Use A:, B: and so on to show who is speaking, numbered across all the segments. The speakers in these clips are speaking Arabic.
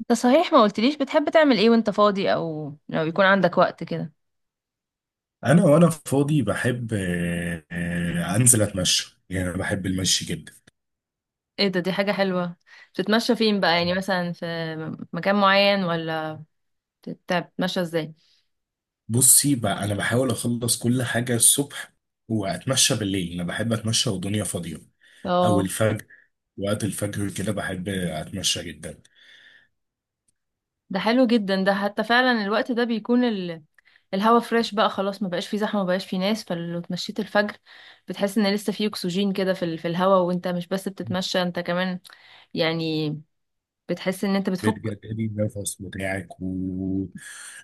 A: انت، صحيح ما قلتليش بتحب تعمل ايه وانت فاضي، او لو يكون عندك وقت كده؟
B: انا وانا فاضي بحب انزل اتمشى، يعني انا بحب المشي جدا.
A: ايه ده؟ دي حاجة حلوة. بتتمشى فين بقى؟ يعني مثلا في مكان معين، ولا بتتمشى ازاي؟
B: بصي بقى، انا بحاول اخلص كل حاجه الصبح واتمشى بالليل. انا بحب اتمشى والدنيا فاضيه، او
A: اه،
B: الفجر. وقت الفجر كده بحب اتمشى جدا
A: ده حلو جدا. ده حتى فعلا الوقت ده بيكون الهوا فريش، بقى خلاص ما بقاش فيه زحمة، ما بقاش فيه ناس. فلو اتمشيت الفجر بتحس ان لسه فيه اكسجين كده في الهوا. وانت مش بس بتتمشى، انت كمان يعني بتحس ان انت بتفك.
B: بجد. قديمة الفصل بتاعك و...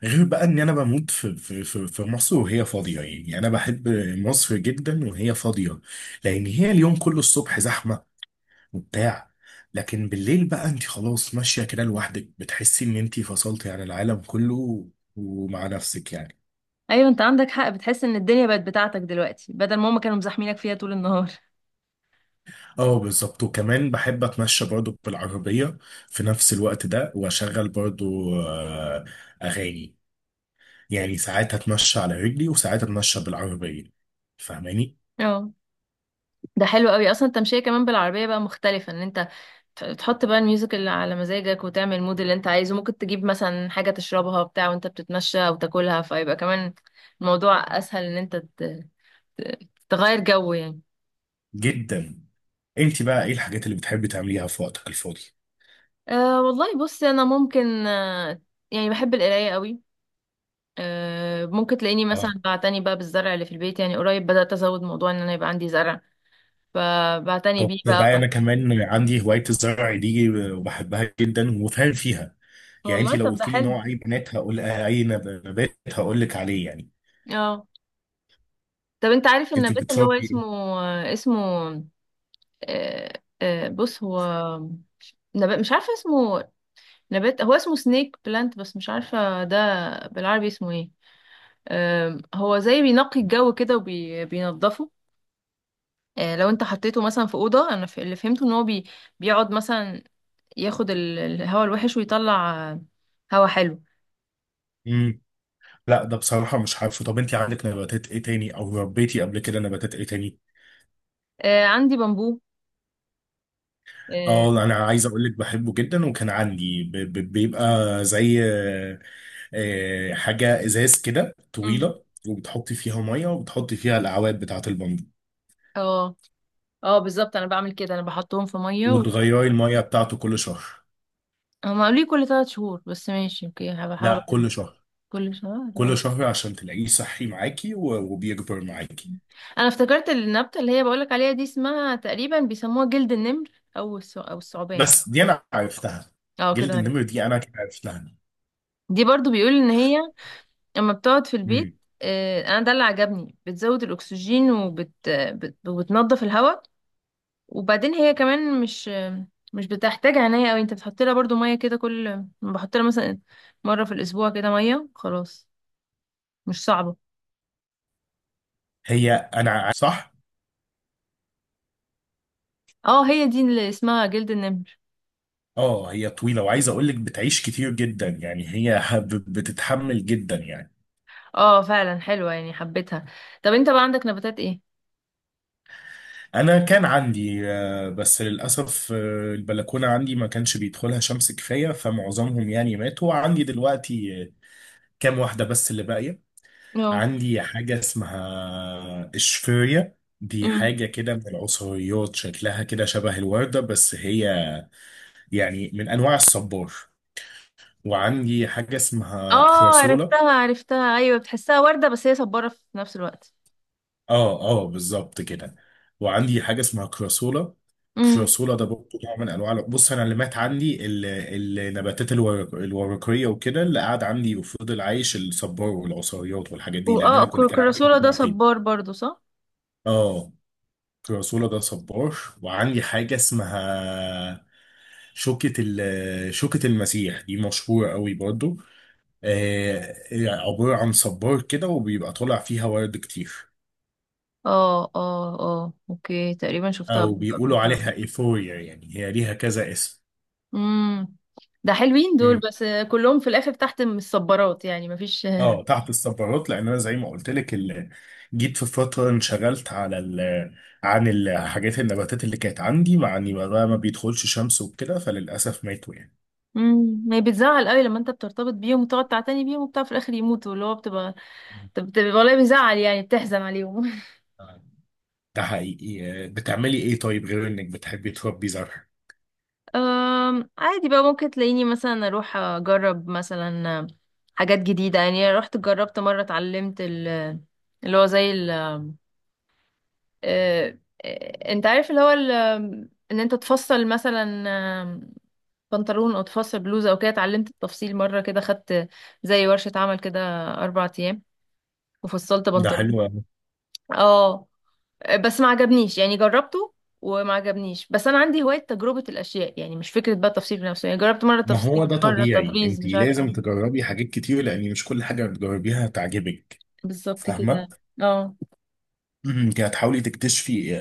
B: غير بقى ان انا بموت في مصر وهي فاضيه، يعني يعني انا بحب مصر جدا وهي فاضيه. لان هي اليوم كله الصبح زحمه وبتاع، لكن بالليل بقى انت خلاص ماشيه كده لوحدك، بتحسي ان انت فصلتي عن العالم كله ومع نفسك يعني.
A: ايوه، انت عندك حق، بتحس ان الدنيا بقت بتاعتك دلوقتي بدل ما هما كانوا مزاحمينك فيها طول النهار.
B: اه بالظبط. وكمان بحب اتمشى برضو بالعربيه في نفس الوقت ده، واشغل برضو اغاني. يعني ساعات هتمشى على رجلي وساعات هتمشى بالعربية، فاهماني؟
A: اه، ده حلو قوي، اصلا التمشيه كمان بالعربيه بقى مختلفه. ان انت تحط بقى الميوزك اللي على مزاجك وتعمل المود اللي انت عايزه، ممكن تجيب مثلا حاجه تشربها بتاع وانت بتتمشى او تاكلها، فيبقى كمان الموضوع اسهل ان انت ت- تغير جو يعني.
B: جدا. انت بقى ايه الحاجات اللي بتحبي تعمليها في وقتك الفاضي؟
A: أه والله، بصي انا ممكن يعني بحب القرايه قوي. ممكن تلاقيني
B: اه،
A: مثلا بعتني بقى بالزرع اللي في البيت، يعني قريب بدات ازود موضوع ان انا يبقى عندي زرع، فبعتني
B: طب
A: بيه بقى.
B: تصدقي انا كمان عندي هواية الزرع دي وبحبها جدا وفاهم فيها. يعني انت
A: والله
B: لو
A: طب ده
B: قلت لي
A: حلو.
B: نوع اي بنات هقول اي نبات هقول لك عليه يعني.
A: اه، طب انت عارف
B: انت
A: النبات اللي هو
B: بتربي
A: اسمه
B: ايه؟
A: اسمه آه، بص، هو نبات مش عارفه اسمه. نبات هو اسمه سنيك بلانت، بس مش عارفه ده بالعربي اسمه ايه. هو زي بينقي الجو كده وبينضفه. لو انت حطيته مثلا في اوضه، انا اللي فهمته ان هو بيقعد مثلا ياخد الهواء الوحش ويطلع هوا حلو.
B: مم. لا ده بصراحة مش عارفه. طب انت عندك نباتات ايه تاني، او ربيتي قبل كده نباتات ايه تاني؟
A: آه، عندي بامبو. اه.
B: اه انا عايز اقول لك بحبه جدا، وكان عندي بيبقى زي حاجة ازاز كده
A: مم.
B: طويلة، وبتحطي فيها مية وبتحطي فيها الاعواد بتاعة البامبو.
A: اه. بالظبط انا بعمل كده، انا بحطهم في ميه.
B: وتغيري المية بتاعته كل شهر.
A: هما قالوا لي كل ثلاث شهور، بس ماشي اوكي هبقى احاول
B: لا،
A: أجيبها.
B: كل شهر.
A: كل شهر، اه.
B: كل شهر عشان تلاقيه صحي معاكي وبيكبر معاكي.
A: انا افتكرت النبتة اللي هي بقولك عليها دي اسمها تقريبا بيسموها جلد النمر، او او الثعبان.
B: بس دي انا عرفتها.
A: اه، كده
B: جلد
A: عرفت.
B: النمر دي انا عرفتها.
A: دي برضو بيقول ان هي اما بتقعد في البيت
B: مم.
A: انا ده اللي عجبني، بتزود الاكسجين وبتنضف الهواء. وبعدين هي كمان مش بتحتاج عناية قوي، انت بتحط لها برضو مية كده، كل بحط لها مثلا مرة في الاسبوع كده مية خلاص، مش صعبة.
B: هي انا صح.
A: اه، هي دي اللي اسمها جلد النمر.
B: اه هي طويلة، وعايز اقول لك بتعيش كتير جدا. يعني هي بتتحمل جدا يعني.
A: اه، فعلا حلوة، يعني حبيتها. طب انت بقى عندك نباتات ايه؟
B: انا كان عندي بس للاسف، البلكونه عندي ما كانش بيدخلها شمس كفايه، فمعظمهم يعني ماتوا عندي دلوقتي. كام واحده بس اللي باقيه.
A: اه.
B: عندي حاجه اسمها اشفيريا. دي
A: امم.
B: حاجه كده من العصريات، شكلها كده شبه الورده، بس هي يعني من انواع الصبار. وعندي حاجه اسمها
A: اه،
B: كراسولا.
A: عرفتها عرفتها، ايوه بتحسها وردة بس هي صبارة في نفس الوقت.
B: اه اه بالظبط كده. وعندي حاجه اسمها كراسولا.
A: امم.
B: كراسولا ده برضه نوع من انواع، بص انا اللي مات عندي النباتات الورق الورقيه وكده. اللي قعد عندي وفضل عايش الصبار والعصاريات والحاجات دي، لان
A: واه،
B: انا كنت كان عندي
A: الكراسولا ده صبار
B: مجموعتين.
A: برضو، صح؟
B: اه كراسولا ده صبار. وعندي حاجه اسمها شوكة المسيح. دي مشهورة قوي برضو. آه، عبارة عن صبار كده وبيبقى طالع فيها ورد كتير.
A: اه اه اه، اوكي، تقريبا شفتها
B: او
A: قبل قبل
B: بيقولوا
A: كده.
B: عليها ايفوريا، يعني هي ليها كذا اسم.
A: امم. ده حلوين دول،
B: مم.
A: بس كلهم في الاخر تحت من الصبارات يعني مفيش
B: اه تحت الصبارات، لان انا زي ما قلت لك جيت في فتره انشغلت على ال... عن الحاجات النباتات اللي كانت عندي، مع اني بقى ما بيدخلش شمس وكده، فللاسف ماتوا يعني.
A: امم، ما هي بتزعل قوي لما انت بترتبط بيهم وتقعد تعتني بيهم وبتاع في الاخر يموتوا، اللي هو بتبقى والله بيزعل، يعني بتحزن عليهم.
B: ده حقيقي. بتعملي ايه طيب غير انك بتحبي تربي زرع؟
A: عادي بقى، ممكن تلاقيني مثلا اروح اجرب مثلا حاجات جديدة. يعني رحت جربت مرة اتعلمت اللي هو زي ال أه، أه، انت عارف اللي هو ان انت تفصل مثلا أم، بنطلون او تفصل بلوزة او كده، اتعلمت التفصيل مرة كده، خدت زي ورشة عمل كده اربع ايام، وفصلت
B: ده
A: بنطلون.
B: حلو أوي.
A: اه. بس ما عجبنيش يعني، جربته وما عجبنيش، بس انا عندي هواية تجربة الاشياء، يعني مش فكرة بقى التفصيل بنفسه، يعني جربت مرة
B: ما هو
A: تفصيل،
B: ده
A: مرة
B: طبيعي،
A: تطريز،
B: انت
A: مش عارفة
B: لازم
A: ايه.
B: تجربي حاجات كتير، لان مش كل حاجه بتجربيها هتعجبك.
A: بالظبط كده.
B: فاهمه؟
A: اه.
B: انت هتحاولي تكتشفي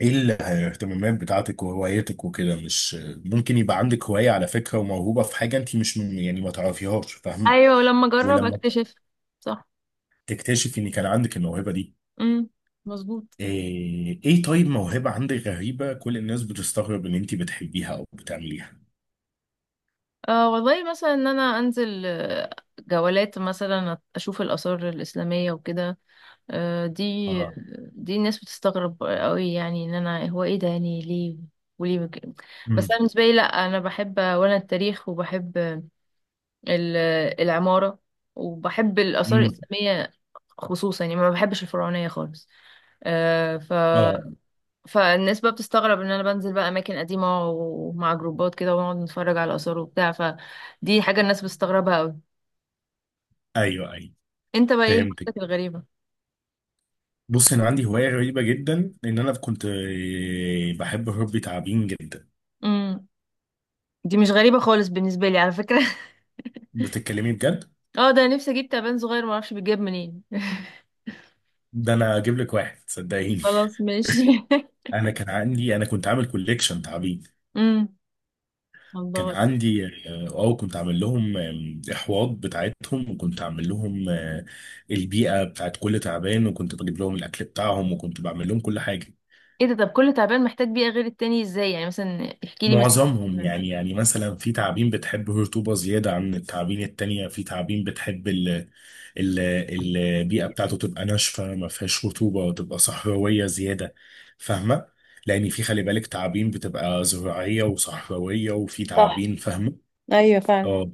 B: ايه الاهتمامات بتاعتك وهوايتك وكده. مش ممكن يبقى عندك هواية على فكرة وموهوبة في حاجة انت مش يعني ما تعرفيهاش، فاهمة؟
A: ايوه، ولما اجرب
B: ولما
A: اكتشف. صح.
B: تكتشف ان كان عندك الموهبة دي.
A: امم. مظبوط.
B: إيه طيب موهبة عندك غريبة كل الناس بتستغرب ان انت بتحبيها او بتعمليها؟
A: آه والله، مثلا ان انا انزل جولات مثلا اشوف الاثار الاسلامية وكده. آه، دي
B: اه.
A: دي الناس بتستغرب قوي، يعني ان انا هو ايه ده؟ يعني ليه؟ وليه بس
B: امم.
A: انا بالنسبة لي، لا، انا بحب وانا التاريخ، وبحب ال- العمارة، وبحب الآثار
B: امم.
A: الإسلامية خصوصا، يعني ما بحبش الفرعونية خالص. آه، ف
B: اه.
A: فالناس بقى بتستغرب ان انا بنزل بقى اماكن قديمه ومع جروبات كده، ونقعد نتفرج على الاثار وبتاع، فدي حاجه الناس بتستغربها قوي.
B: ايوه ايوه.
A: انت بقى ايه
B: فهمتك.
A: هوايتك الغريبه؟
B: بص انا عندي هواية غريبة جدا، ان انا كنت بحب ربي تعابين جدا.
A: امم، دي مش غريبه خالص بالنسبه لي على فكره
B: بتتكلمي بجد.
A: اه، ده أنا نفسي اجيب تعبان صغير، ما اعرفش بيتجاب منين
B: ده انا اجيب لك واحد، صدقيني.
A: خلاص ماشي
B: انا كان عندي انا كنت عامل كوليكشن تعابين.
A: امم.
B: كان
A: الله، ايه ده؟
B: عندي اه، كنت عامل لهم احواض بتاعتهم، وكنت عامل لهم البيئه بتاعت كل تعبان، وكنت بجيب لهم الاكل بتاعهم، وكنت بعمل لهم كل حاجه.
A: إيه ده؟ طب كل تعبان محتاج بيئه غير التاني ازاي؟ يعني مثلا احكي لي مثلا.
B: معظمهم يعني، يعني مثلا في تعابين بتحب الرطوبة زيادة عن التعابين التانية، في تعابين بتحب ال البيئة بتاعته تبقى ناشفة ما فيهاش رطوبة، وتبقى صحراوية زيادة، فاهمة؟ لأن في خلي بالك تعابين بتبقى زراعية وصحراوية، وفي
A: صح.
B: تعابين، فاهمة؟
A: ايوه فعلا.
B: اه.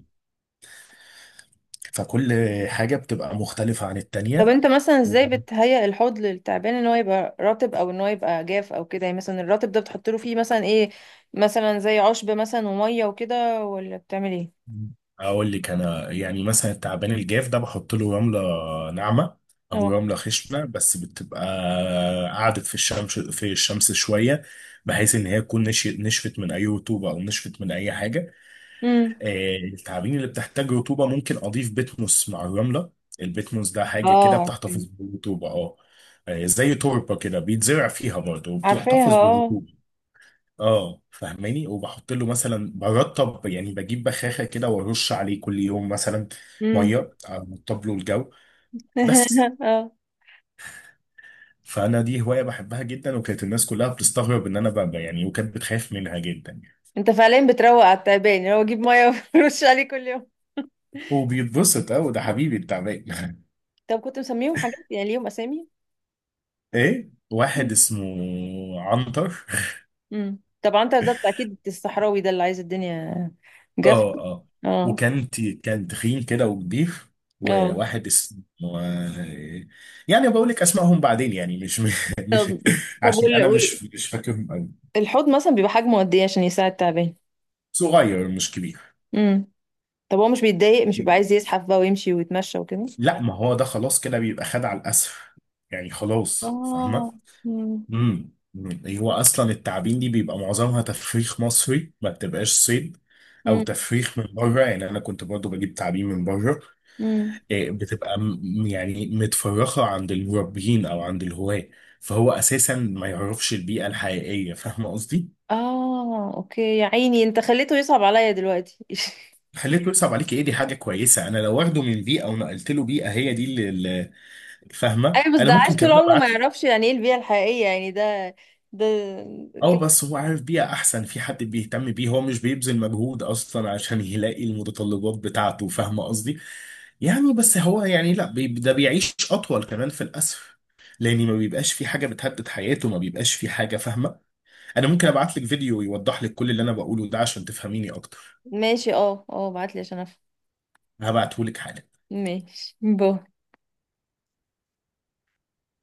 B: فكل حاجة بتبقى مختلفة عن
A: طب
B: التانية.
A: انت مثلا ازاي بتهيئ الحوض للتعبان ان هو يبقى رطب او ان هو يبقى جاف او كده؟ يعني مثلا الرطب ده بتحط له فيه مثلا ايه؟ مثلا زي عشب مثلا وميه وكده، ولا بتعمل ايه؟
B: اقول لك انا، يعني مثلا التعبان الجاف ده بحط له رمله ناعمه، او
A: اه.
B: رمله خشنه، بس بتبقى قعدت في الشمس في الشمس شويه، بحيث ان هي تكون نشفت من اي رطوبه او نشفت من اي حاجه.
A: امم.
B: التعابين اللي بتحتاج رطوبه ممكن اضيف بيتموس مع الرمله. البيتموس ده حاجه كده
A: اه.
B: بتحتفظ بالرطوبه، اه. زي تربه كده بيتزرع فيها برضه
A: عارفاها،
B: وبتحتفظ
A: اه.
B: بالرطوبه. اه، فاهماني؟ وبحط له مثلا برطب يعني، بجيب بخاخه كده وارش عليه كل يوم مثلا
A: امم.
B: ميه، ارطب له الجو بس.
A: اه.
B: فانا دي هوايه بحبها جدا، وكانت الناس كلها بتستغرب ان انا بقى يعني، وكانت بتخاف منها جدا يعني.
A: انت فعليا بتروق على التعبان اللي هو، جيب ميه ورش عليه كل يوم؟
B: وبيتبسط، اه، ده حبيبي التعبان.
A: طب كنت مسميهم حاجات؟ يعني ليهم اسامي؟
B: ايه، واحد اسمه عنتر.
A: امم، طبعا. انت ده اكيد الصحراوي، ده اللي عايز الدنيا جافه.
B: اه اه.
A: اه
B: وكان كان تخين كده وكبير.
A: اه.
B: وواحد اسمه آه، يعني بقول لك اسمائهم بعدين يعني، مش مش
A: طب
B: عشان انا مش مش فاكرهم قوي.
A: الحوض مثلا بيبقى حجمه قد ايه عشان يساعد تعبان؟
B: صغير مش كبير.
A: امم. طب هو مش بيتضايق؟ مش بيبقى عايز يزحف بقى ويمشي ويتمشى وكده؟
B: لا ما هو ده خلاص كده بيبقى خد على الاسف، يعني خلاص فاهمه.
A: اه. امم.
B: امم. هو اصلا التعابين دي بيبقى معظمها تفريخ مصري، ما بتبقاش صيد، او
A: امم.
B: تفريخ من بره. يعني انا كنت برضو بجيب تعابين من بره.
A: امم.
B: بتبقى يعني متفرخة عند المربيين أو عند الهواة، فهو أساسا ما يعرفش البيئة الحقيقية، فاهمة قصدي؟
A: اه، اوكي يا عيني، انت خليته يصعب عليا دلوقتي
B: خليته يصعب عليك ايه، دي حاجة كويسة. أنا لو واخده من بيئة ونقلت له بيئة هي دي اللي اللي، فاهمة؟
A: ايوه، بس
B: أنا
A: ده عاش
B: ممكن
A: طول
B: كمان
A: عمره ما
B: أبعت له.
A: يعرفش يعني ايه البيئة الحقيقية، يعني ده، ده.
B: أه بس هو عارف بيئة أحسن، في حد بيهتم بيه، هو مش بيبذل مجهود أصلا عشان يلاقي المتطلبات بتاعته، فاهمة قصدي؟ يعني بس هو يعني، لا ده بيعيش أطول كمان في الأسف، لأن ما بيبقاش في حاجة بتهدد حياته، ما بيبقاش في حاجة، فاهمة؟ انا ممكن ابعت لك فيديو يوضح لك كل اللي انا بقوله ده عشان تفهميني اكتر.
A: ماشي، اه اه، بعتلي عشان افهم.
B: هبعته لك حالا.
A: ماشي، باي.